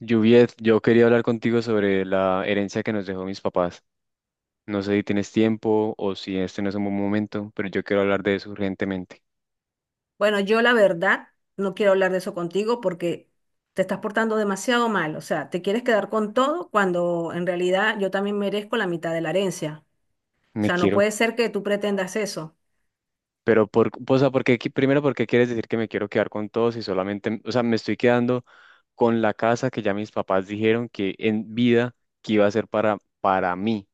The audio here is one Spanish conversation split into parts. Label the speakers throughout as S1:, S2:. S1: Juviet, yo quería hablar contigo sobre la herencia que nos dejó mis papás. No sé si tienes tiempo o si este no es un buen momento, pero yo quiero hablar de eso urgentemente.
S2: Bueno, yo la verdad no quiero hablar de eso contigo porque te estás portando demasiado mal. O sea, te quieres quedar con todo cuando en realidad yo también merezco la mitad de la herencia. O
S1: Me
S2: sea, no
S1: quiero,
S2: puede ser que tú pretendas eso.
S1: pero porque primero, ¿por qué quieres decir que me quiero quedar con todos y solamente, me estoy quedando con la casa que ya mis papás dijeron que en vida que iba a ser para mí?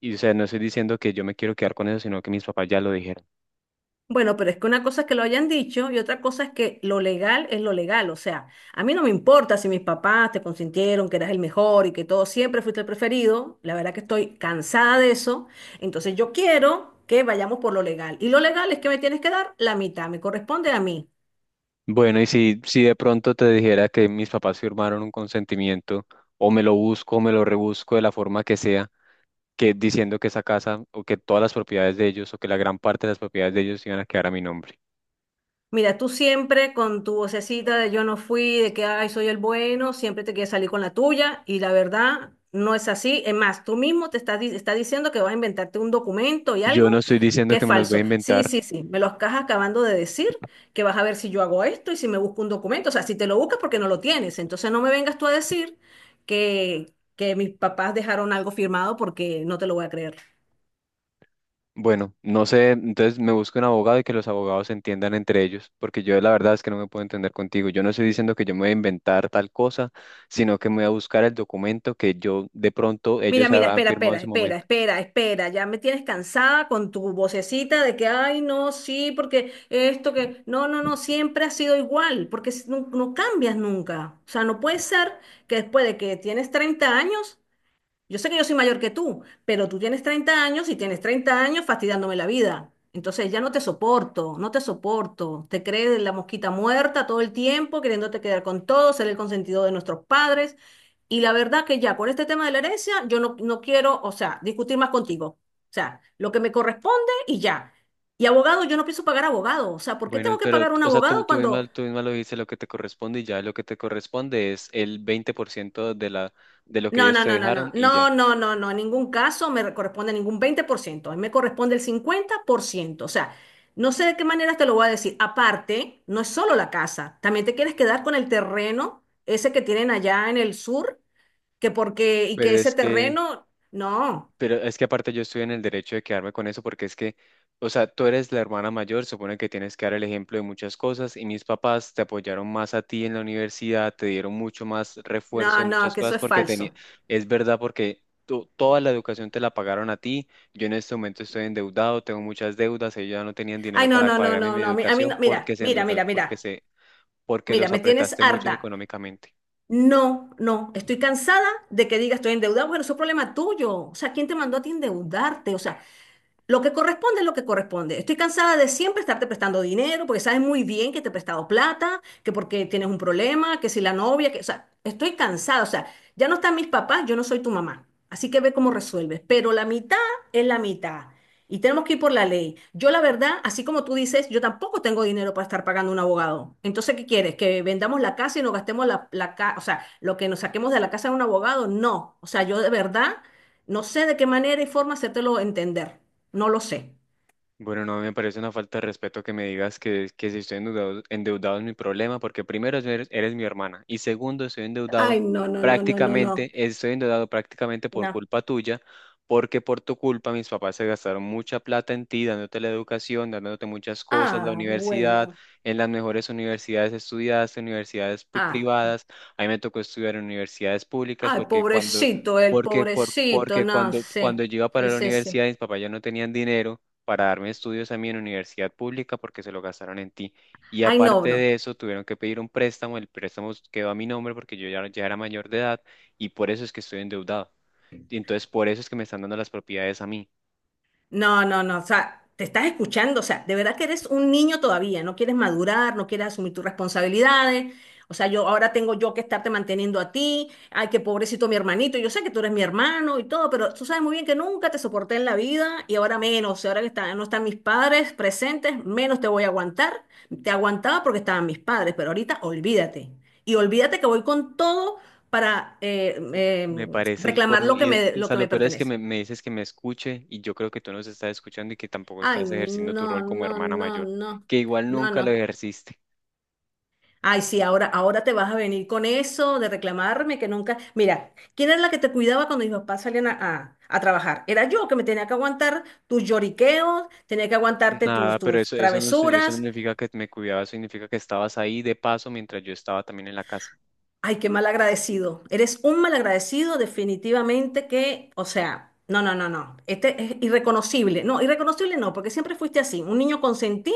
S1: No estoy diciendo que yo me quiero quedar con eso, sino que mis papás ya lo dijeron.
S2: Bueno, pero es que una cosa es que lo hayan dicho y otra cosa es que lo legal es lo legal. O sea, a mí no me importa si mis papás te consintieron que eras el mejor y que todo siempre fuiste el preferido. La verdad que estoy cansada de eso. Entonces yo quiero que vayamos por lo legal. Y lo legal es que me tienes que dar la mitad, me corresponde a mí.
S1: Bueno, y si de pronto te dijera que mis papás firmaron un consentimiento, o me lo busco, o me lo rebusco de la forma que sea, que diciendo que esa casa, o que todas las propiedades de ellos, o que la gran parte de las propiedades de ellos iban a quedar a mi nombre.
S2: Mira, tú siempre con tu vocecita de yo no fui, de que ay, soy el bueno, siempre te quieres salir con la tuya y la verdad no es así. Es más, tú mismo te estás, estás diciendo que vas a inventarte un documento y
S1: Yo no
S2: algo
S1: estoy diciendo
S2: que es
S1: que me los voy a
S2: falso. Sí,
S1: inventar.
S2: sí, sí, me lo estás acabando de decir, que vas a ver si yo hago esto y si me busco un documento. O sea, si te lo buscas porque no lo tienes. Entonces no me vengas tú a decir que, que mis papás dejaron algo firmado porque no te lo voy a creer.
S1: Bueno, no sé, entonces me busco un abogado y que los abogados se entiendan entre ellos, porque yo la verdad es que no me puedo entender contigo. Yo no estoy diciendo que yo me voy a inventar tal cosa, sino que me voy a buscar el documento que yo de pronto
S2: Mira,
S1: ellos han
S2: mira,
S1: han
S2: espera,
S1: firmado en
S2: espera,
S1: su
S2: espera,
S1: momento.
S2: espera, espera. Ya me tienes cansada con tu vocecita de que, ay, no, sí, porque esto que, no, no, no, siempre ha sido igual, porque no, no cambias nunca. O sea, no puede ser que después de que tienes 30 años, yo sé que yo soy mayor que tú, pero tú tienes 30 años y tienes 30 años fastidiándome la vida. Entonces ya no te soporto, no te soporto. Te crees la mosquita muerta todo el tiempo, queriéndote quedar con todo, ser el consentido de nuestros padres. Y la verdad que ya con este tema de la herencia, yo no, no quiero, o sea, discutir más contigo. O sea, lo que me corresponde y ya. Y abogado, yo no pienso pagar abogado. O sea, ¿por qué
S1: Bueno,
S2: tengo que
S1: pero,
S2: pagar un
S1: tú,
S2: abogado
S1: tú
S2: cuando
S1: misma, tú misma lo dices, lo que te corresponde y ya lo que te corresponde es el 20% de la, de lo que
S2: no,
S1: ellos
S2: no,
S1: te
S2: no, no, no,
S1: dejaron y ya.
S2: no, no, no, no, en ningún caso me corresponde ningún 20%? A mí me corresponde el 50%. O sea, no sé de qué manera te lo voy a decir, aparte, no es solo la casa, también te quieres quedar con el terreno, ese que tienen allá en el sur, que porque, y que
S1: Pero
S2: ese
S1: es que,
S2: terreno, no,
S1: pero es que aparte yo estoy en el derecho de quedarme con eso porque es que, o sea, tú eres la hermana mayor, supone que tienes que dar el ejemplo de muchas cosas y mis papás te apoyaron más a ti en la universidad, te dieron mucho más refuerzo
S2: no,
S1: de
S2: no,
S1: muchas
S2: que eso
S1: cosas
S2: es
S1: porque tenía,
S2: falso.
S1: es verdad porque toda la educación te la pagaron a ti, yo en este momento estoy endeudado, tengo muchas deudas, ellos ya no tenían
S2: Ay,
S1: dinero
S2: no,
S1: para
S2: no, no,
S1: pagarme
S2: no,
S1: mi
S2: no, a mí
S1: educación
S2: no,
S1: porque
S2: mira,
S1: se
S2: mira,
S1: endeudaron,
S2: mira,
S1: porque
S2: mira,
S1: se, porque
S2: mira,
S1: los
S2: me tienes
S1: apretaste mucho
S2: harta.
S1: económicamente.
S2: No, no, estoy cansada de que digas estoy endeudada. Bueno, eso es problema tuyo. O sea, ¿quién te mandó a ti endeudarte? O sea, lo que corresponde es lo que corresponde. Estoy cansada de siempre estarte prestando dinero porque sabes muy bien que te he prestado plata, que porque tienes un problema, que si la novia, que, o sea, estoy cansada. O sea, ya no están mis papás, yo no soy tu mamá. Así que ve cómo resuelves. Pero la mitad es la mitad. Y tenemos que ir por la ley. Yo, la verdad, así como tú dices, yo tampoco tengo dinero para estar pagando un abogado. Entonces, ¿qué quieres? ¿Que vendamos la casa y nos gastemos la casa? O sea, lo que nos saquemos de la casa de un abogado, no. O sea, yo de verdad no sé de qué manera y forma hacértelo entender. No lo sé.
S1: Bueno, no me parece una falta de respeto que me digas que si estoy endeudado, endeudado es mi problema, porque primero eres mi hermana y segundo
S2: Ay, no, no, no, no, no, no.
S1: estoy endeudado prácticamente por
S2: No.
S1: culpa tuya, porque por tu culpa mis papás se gastaron mucha plata en ti, dándote la educación, dándote muchas cosas, la
S2: Ah,
S1: universidad,
S2: bueno.
S1: en las mejores universidades estudiaste, universidades
S2: Ah.
S1: privadas, a mí me tocó estudiar en universidades públicas
S2: Ay,
S1: porque cuando...
S2: pobrecito, el pobrecito,
S1: Porque
S2: no
S1: cuando
S2: sé.
S1: yo iba para
S2: Sí,
S1: la
S2: sí, sí.
S1: universidad, mis papás ya no tenían dinero para darme estudios a mí en universidad pública porque se lo gastaron en ti. Y
S2: Ay, no,
S1: aparte
S2: no.
S1: de eso, tuvieron que pedir un préstamo, el préstamo quedó a mi nombre porque ya era mayor de edad y por eso es que estoy endeudado. Y entonces por eso es que me están dando las propiedades a mí.
S2: No, no, no, o sea, te estás escuchando, o sea, de verdad que eres un niño todavía, no quieres madurar, no quieres asumir tus responsabilidades, o sea, yo ahora tengo yo que estarte manteniendo a ti, ay, qué pobrecito mi hermanito, yo sé que tú eres mi hermano y todo, pero tú sabes muy bien que nunca te soporté en la vida y ahora menos, y ahora que no están mis padres presentes, menos te voy a aguantar, te aguantaba porque estaban mis padres, pero ahorita olvídate, y olvídate que voy con todo para
S1: Me parece el
S2: reclamar
S1: colmo y
S2: lo que
S1: lo
S2: me
S1: peor es que
S2: pertenece.
S1: me dices que me escuche y yo creo que tú nos estás escuchando y que tampoco
S2: Ay,
S1: estás ejerciendo tu
S2: no,
S1: rol como
S2: no,
S1: hermana
S2: no,
S1: mayor,
S2: no,
S1: que igual
S2: no,
S1: nunca lo
S2: no.
S1: ejerciste.
S2: Ay, sí, ahora, ahora te vas a venir con eso de reclamarme que nunca. Mira, ¿quién era la que te cuidaba cuando mis papás salían a trabajar? Era yo que me tenía que aguantar tus lloriqueos, tenía que aguantarte
S1: Nada,
S2: tus,
S1: pero
S2: tus
S1: eso no
S2: travesuras.
S1: significa que me cuidabas, significa que estabas ahí de paso mientras yo estaba también en la casa.
S2: Ay, qué mal agradecido. Eres un mal agradecido, definitivamente que, o sea, no, no, no, no. Este es irreconocible. No, irreconocible no, porque siempre fuiste así, un niño consentido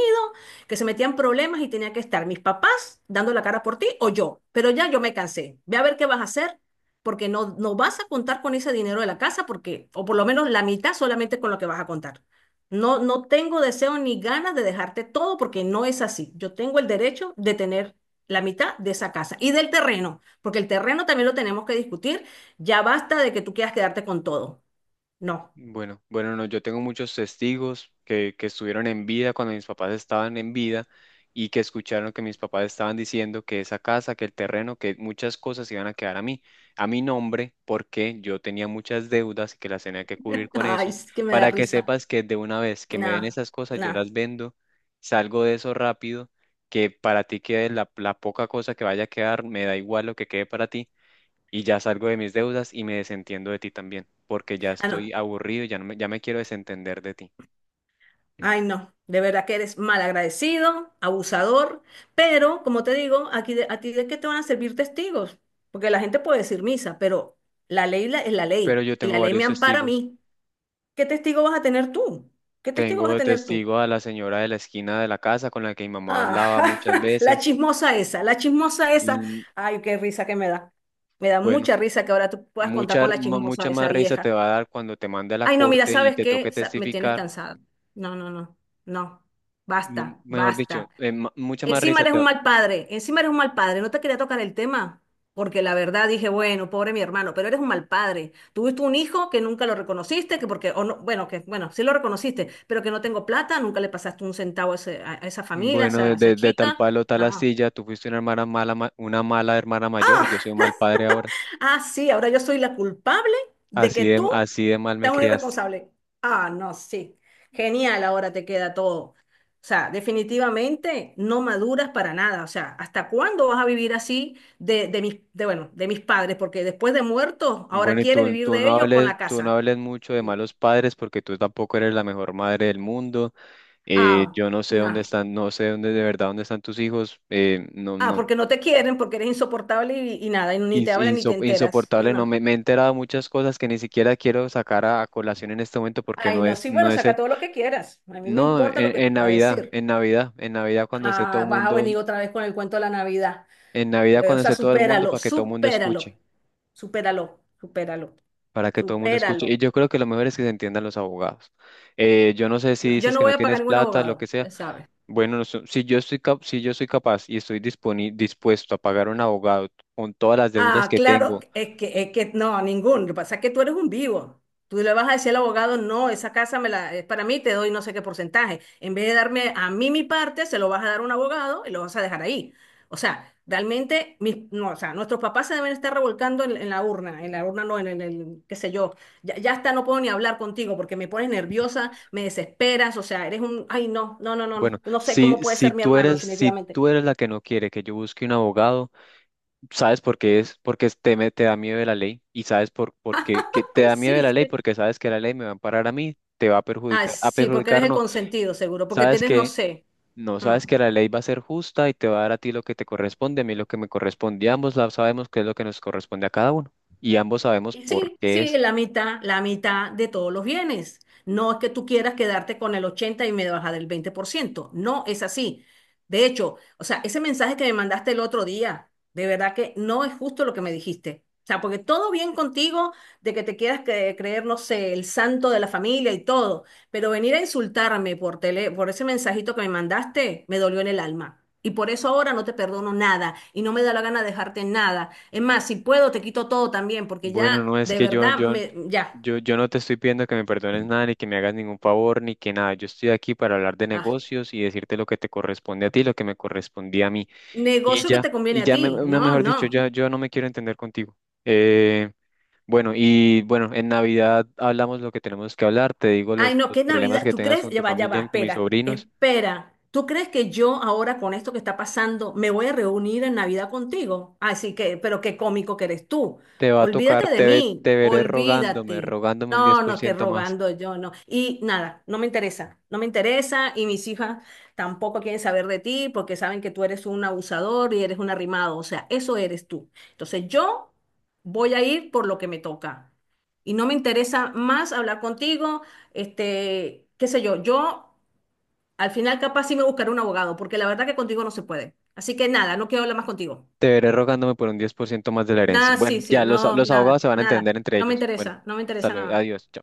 S2: que se metía en problemas y tenía que estar mis papás dando la cara por ti o yo. Pero ya yo me cansé. Ve a ver qué vas a hacer, porque no, no vas a contar con ese dinero de la casa, porque, o por lo menos la mitad solamente con lo que vas a contar. No, no tengo deseo ni ganas de dejarte todo porque no es así. Yo tengo el derecho de tener la mitad de esa casa y del terreno, porque el terreno también lo tenemos que discutir. Ya basta de que tú quieras quedarte con todo. No.
S1: Bueno, no, yo tengo muchos testigos que estuvieron en vida cuando mis papás estaban en vida y que escucharon que mis papás estaban diciendo que esa casa, que el terreno, que muchas cosas iban a quedar a mí, a mi nombre, porque yo tenía muchas deudas y que las tenía que cubrir con
S2: Ay,
S1: eso.
S2: es que me da
S1: Para que
S2: risa.
S1: sepas que de una vez que me den
S2: Nah,
S1: esas cosas, yo
S2: nah.
S1: las vendo, salgo de eso rápido, que para ti quede la poca cosa que vaya a quedar, me da igual lo que quede para ti y ya salgo de mis deudas y me desentiendo de ti también, porque ya
S2: Ah, no.
S1: estoy aburrido, y ya no me, ya me quiero desentender de ti.
S2: Ay, no. De verdad que eres mal agradecido, abusador, pero como te digo, aquí a ti de qué te van a servir testigos, porque la gente puede decir misa, pero la ley es la
S1: Pero
S2: ley
S1: yo
S2: y
S1: tengo
S2: la ley me
S1: varios
S2: ampara a
S1: testigos.
S2: mí. ¿Qué testigo vas a tener tú? ¿Qué testigo
S1: Tengo
S2: vas a
S1: de
S2: tener tú?
S1: testigo a la señora de la esquina de la casa con la que mi mamá
S2: Ah,
S1: hablaba muchas
S2: la
S1: veces.
S2: chismosa esa, la chismosa esa.
S1: Mm,
S2: Ay, qué risa que me da. Me da
S1: bueno,
S2: mucha risa que ahora tú puedas contar con la chismosa
S1: mucha
S2: esa
S1: más risa te
S2: vieja.
S1: va a dar cuando te mande a la
S2: Ay, no, mira,
S1: corte y
S2: ¿sabes
S1: te
S2: qué?
S1: toque
S2: Me tienes
S1: testificar.
S2: cansada. No, no, no, no. Basta,
S1: Mejor dicho,
S2: basta.
S1: mucha más
S2: Encima
S1: risa
S2: eres
S1: te
S2: un
S1: va-.
S2: mal padre, encima eres un mal padre. No te quería tocar el tema, porque la verdad dije, bueno, pobre mi hermano, pero eres un mal padre. Tuviste un hijo que nunca lo reconociste, que porque, o no, bueno, que bueno, sí lo reconociste, pero que no tengo plata, nunca le pasaste un centavo a, a esa familia,
S1: Bueno,
S2: a esa
S1: de tal
S2: chica.
S1: palo, tal
S2: No.
S1: astilla, tú fuiste una hermana mala, una mala hermana mayor, yo
S2: Ah.
S1: soy un mal padre ahora.
S2: Ah, sí, ahora yo soy la culpable de que tú
S1: Así de mal me
S2: seas un
S1: criaste.
S2: irresponsable. Ah, no, sí. Genial, ahora te queda todo. O sea, definitivamente no maduras para nada. O sea, ¿hasta cuándo vas a vivir así de mis, de, bueno, de mis padres? Porque después de muertos, ahora
S1: Bueno, y
S2: quieres
S1: tú,
S2: vivir de ellos con la
S1: tú no
S2: casa.
S1: hables mucho de
S2: Sí.
S1: malos padres porque tú tampoco eres la mejor madre del mundo.
S2: Ah,
S1: Yo no sé dónde
S2: no.
S1: están, no sé dónde de verdad dónde están tus hijos.
S2: Ah, porque no te quieren, porque eres insoportable y nada, y ni te hablan ni te enteras.
S1: Insoportable. No
S2: No.
S1: me, Me he enterado de muchas cosas que ni siquiera quiero sacar a colación en este momento porque
S2: Ay, no, sí,
S1: no
S2: bueno,
S1: es
S2: saca
S1: el,
S2: todo lo que quieras. A mí me
S1: no,
S2: importa lo que tú
S1: en
S2: puedas
S1: Navidad,
S2: decir.
S1: en Navidad, en Navidad cuando esté todo
S2: Ah,
S1: el
S2: vas a
S1: mundo,
S2: venir otra vez con el cuento de la Navidad.
S1: en Navidad
S2: O
S1: cuando
S2: sea,
S1: esté todo el mundo
S2: supéralo,
S1: para que todo el mundo
S2: supéralo,
S1: escuche,
S2: supéralo, supéralo,
S1: para que todo el mundo escuche.
S2: supéralo.
S1: Y yo creo que lo mejor es que se entiendan los abogados. Yo no sé si
S2: No, yo
S1: dices
S2: no
S1: que no
S2: voy a pagar
S1: tienes
S2: ningún
S1: plata, lo que
S2: abogado,
S1: sea.
S2: ya sabes.
S1: Bueno, no sé, si yo si yo soy capaz y dispuesto a pagar un abogado con todas las deudas
S2: Ah,
S1: que
S2: claro,
S1: tengo,
S2: es que no, ningún. Lo que pasa es que tú eres un vivo. Tú le vas a decir al abogado, no, esa casa me la, es para mí, te doy no sé qué porcentaje. En vez de darme a mí mi parte, se lo vas a dar a un abogado y lo vas a dejar ahí. O sea, realmente, mis, no, o sea, nuestros papás se deben estar revolcando en la urna no, en el, qué sé yo. Ya, ya hasta no puedo ni hablar contigo porque me pones nerviosa, me desesperas, o sea, eres un, ay, no, no, no, no,
S1: bueno,
S2: no sé cómo puede
S1: si
S2: ser mi
S1: tú
S2: hermano,
S1: eres, si
S2: definitivamente.
S1: tú eres la que no quiere que yo busque un abogado, sabes por qué es, porque te da miedo de la ley y sabes por qué que te da miedo
S2: Sí,
S1: de la ley,
S2: sí.
S1: porque sabes que la ley me va a amparar a mí, te va
S2: Ah,
S1: a
S2: sí, porque eres
S1: perjudicar
S2: el
S1: no,
S2: consentido, seguro, porque
S1: sabes
S2: tienes, no
S1: que
S2: sé.
S1: no,
S2: Ah.
S1: sabes que la ley va a ser justa y te va a dar a ti lo que te corresponde, a mí lo que me corresponde, y ambos sabemos qué es lo que nos corresponde a cada uno y ambos sabemos
S2: Y
S1: por
S2: sí,
S1: qué
S2: sí,
S1: es.
S2: la mitad de todos los bienes. No es que tú quieras quedarte con el 80 y me baja del 20%. No es así. De hecho, o sea, ese mensaje que me mandaste el otro día, de verdad que no es justo lo que me dijiste. O sea, porque todo bien contigo de que te quieras creer, no sé, el santo de la familia y todo, pero venir a insultarme por tele, por ese mensajito que me mandaste, me dolió en el alma. Y por eso ahora no te perdono nada y no me da la gana de dejarte nada. Es más, si puedo, te quito todo también, porque
S1: Bueno,
S2: ya,
S1: no es
S2: de
S1: que
S2: verdad, me, ya.
S1: yo no te estoy pidiendo que me perdones nada, ni que me hagas ningún favor, ni que nada. Yo estoy aquí para hablar de
S2: Ah,
S1: negocios y decirte lo que te corresponde a ti, lo que me correspondía a mí.
S2: negocio que te conviene a ti. No,
S1: Mejor dicho,
S2: no.
S1: ya, yo no me quiero entender contigo. Eh, bueno, en Navidad hablamos lo que tenemos que hablar, te digo
S2: Ay, no,
S1: los
S2: qué
S1: problemas
S2: Navidad.
S1: que
S2: ¿Tú
S1: tengas
S2: crees?
S1: con tu
S2: Ya
S1: familia
S2: va,
S1: y con mis
S2: espera,
S1: sobrinos.
S2: espera. ¿Tú crees que yo ahora con esto que está pasando me voy a reunir en Navidad contigo? Así que, pero qué cómico que eres tú.
S1: Te va a tocar,
S2: Olvídate de
S1: te, ve-
S2: mí,
S1: Te veré
S2: olvídate.
S1: rogándome un diez
S2: No,
S1: por
S2: no, que
S1: ciento más.
S2: rogando yo, no. Y nada, no me interesa, no me interesa y mis hijas tampoco quieren saber de ti porque saben que tú eres un abusador y eres un arrimado, o sea, eso eres tú. Entonces yo voy a ir por lo que me toca. Y no me interesa más hablar contigo. Este, qué sé yo, yo al final capaz sí me buscaré un abogado, porque la verdad que contigo no se puede. Así que nada, no quiero hablar más contigo.
S1: Te veré rogándome por un 10% más de la herencia.
S2: Nada, sí,
S1: Bueno,
S2: sí,
S1: ya
S2: no,
S1: los abogados
S2: nada,
S1: se van a
S2: nada.
S1: entender entre
S2: No me
S1: ellos. Bueno,
S2: interesa, no me
S1: hasta
S2: interesa
S1: luego.
S2: nada.
S1: Adiós. Chao.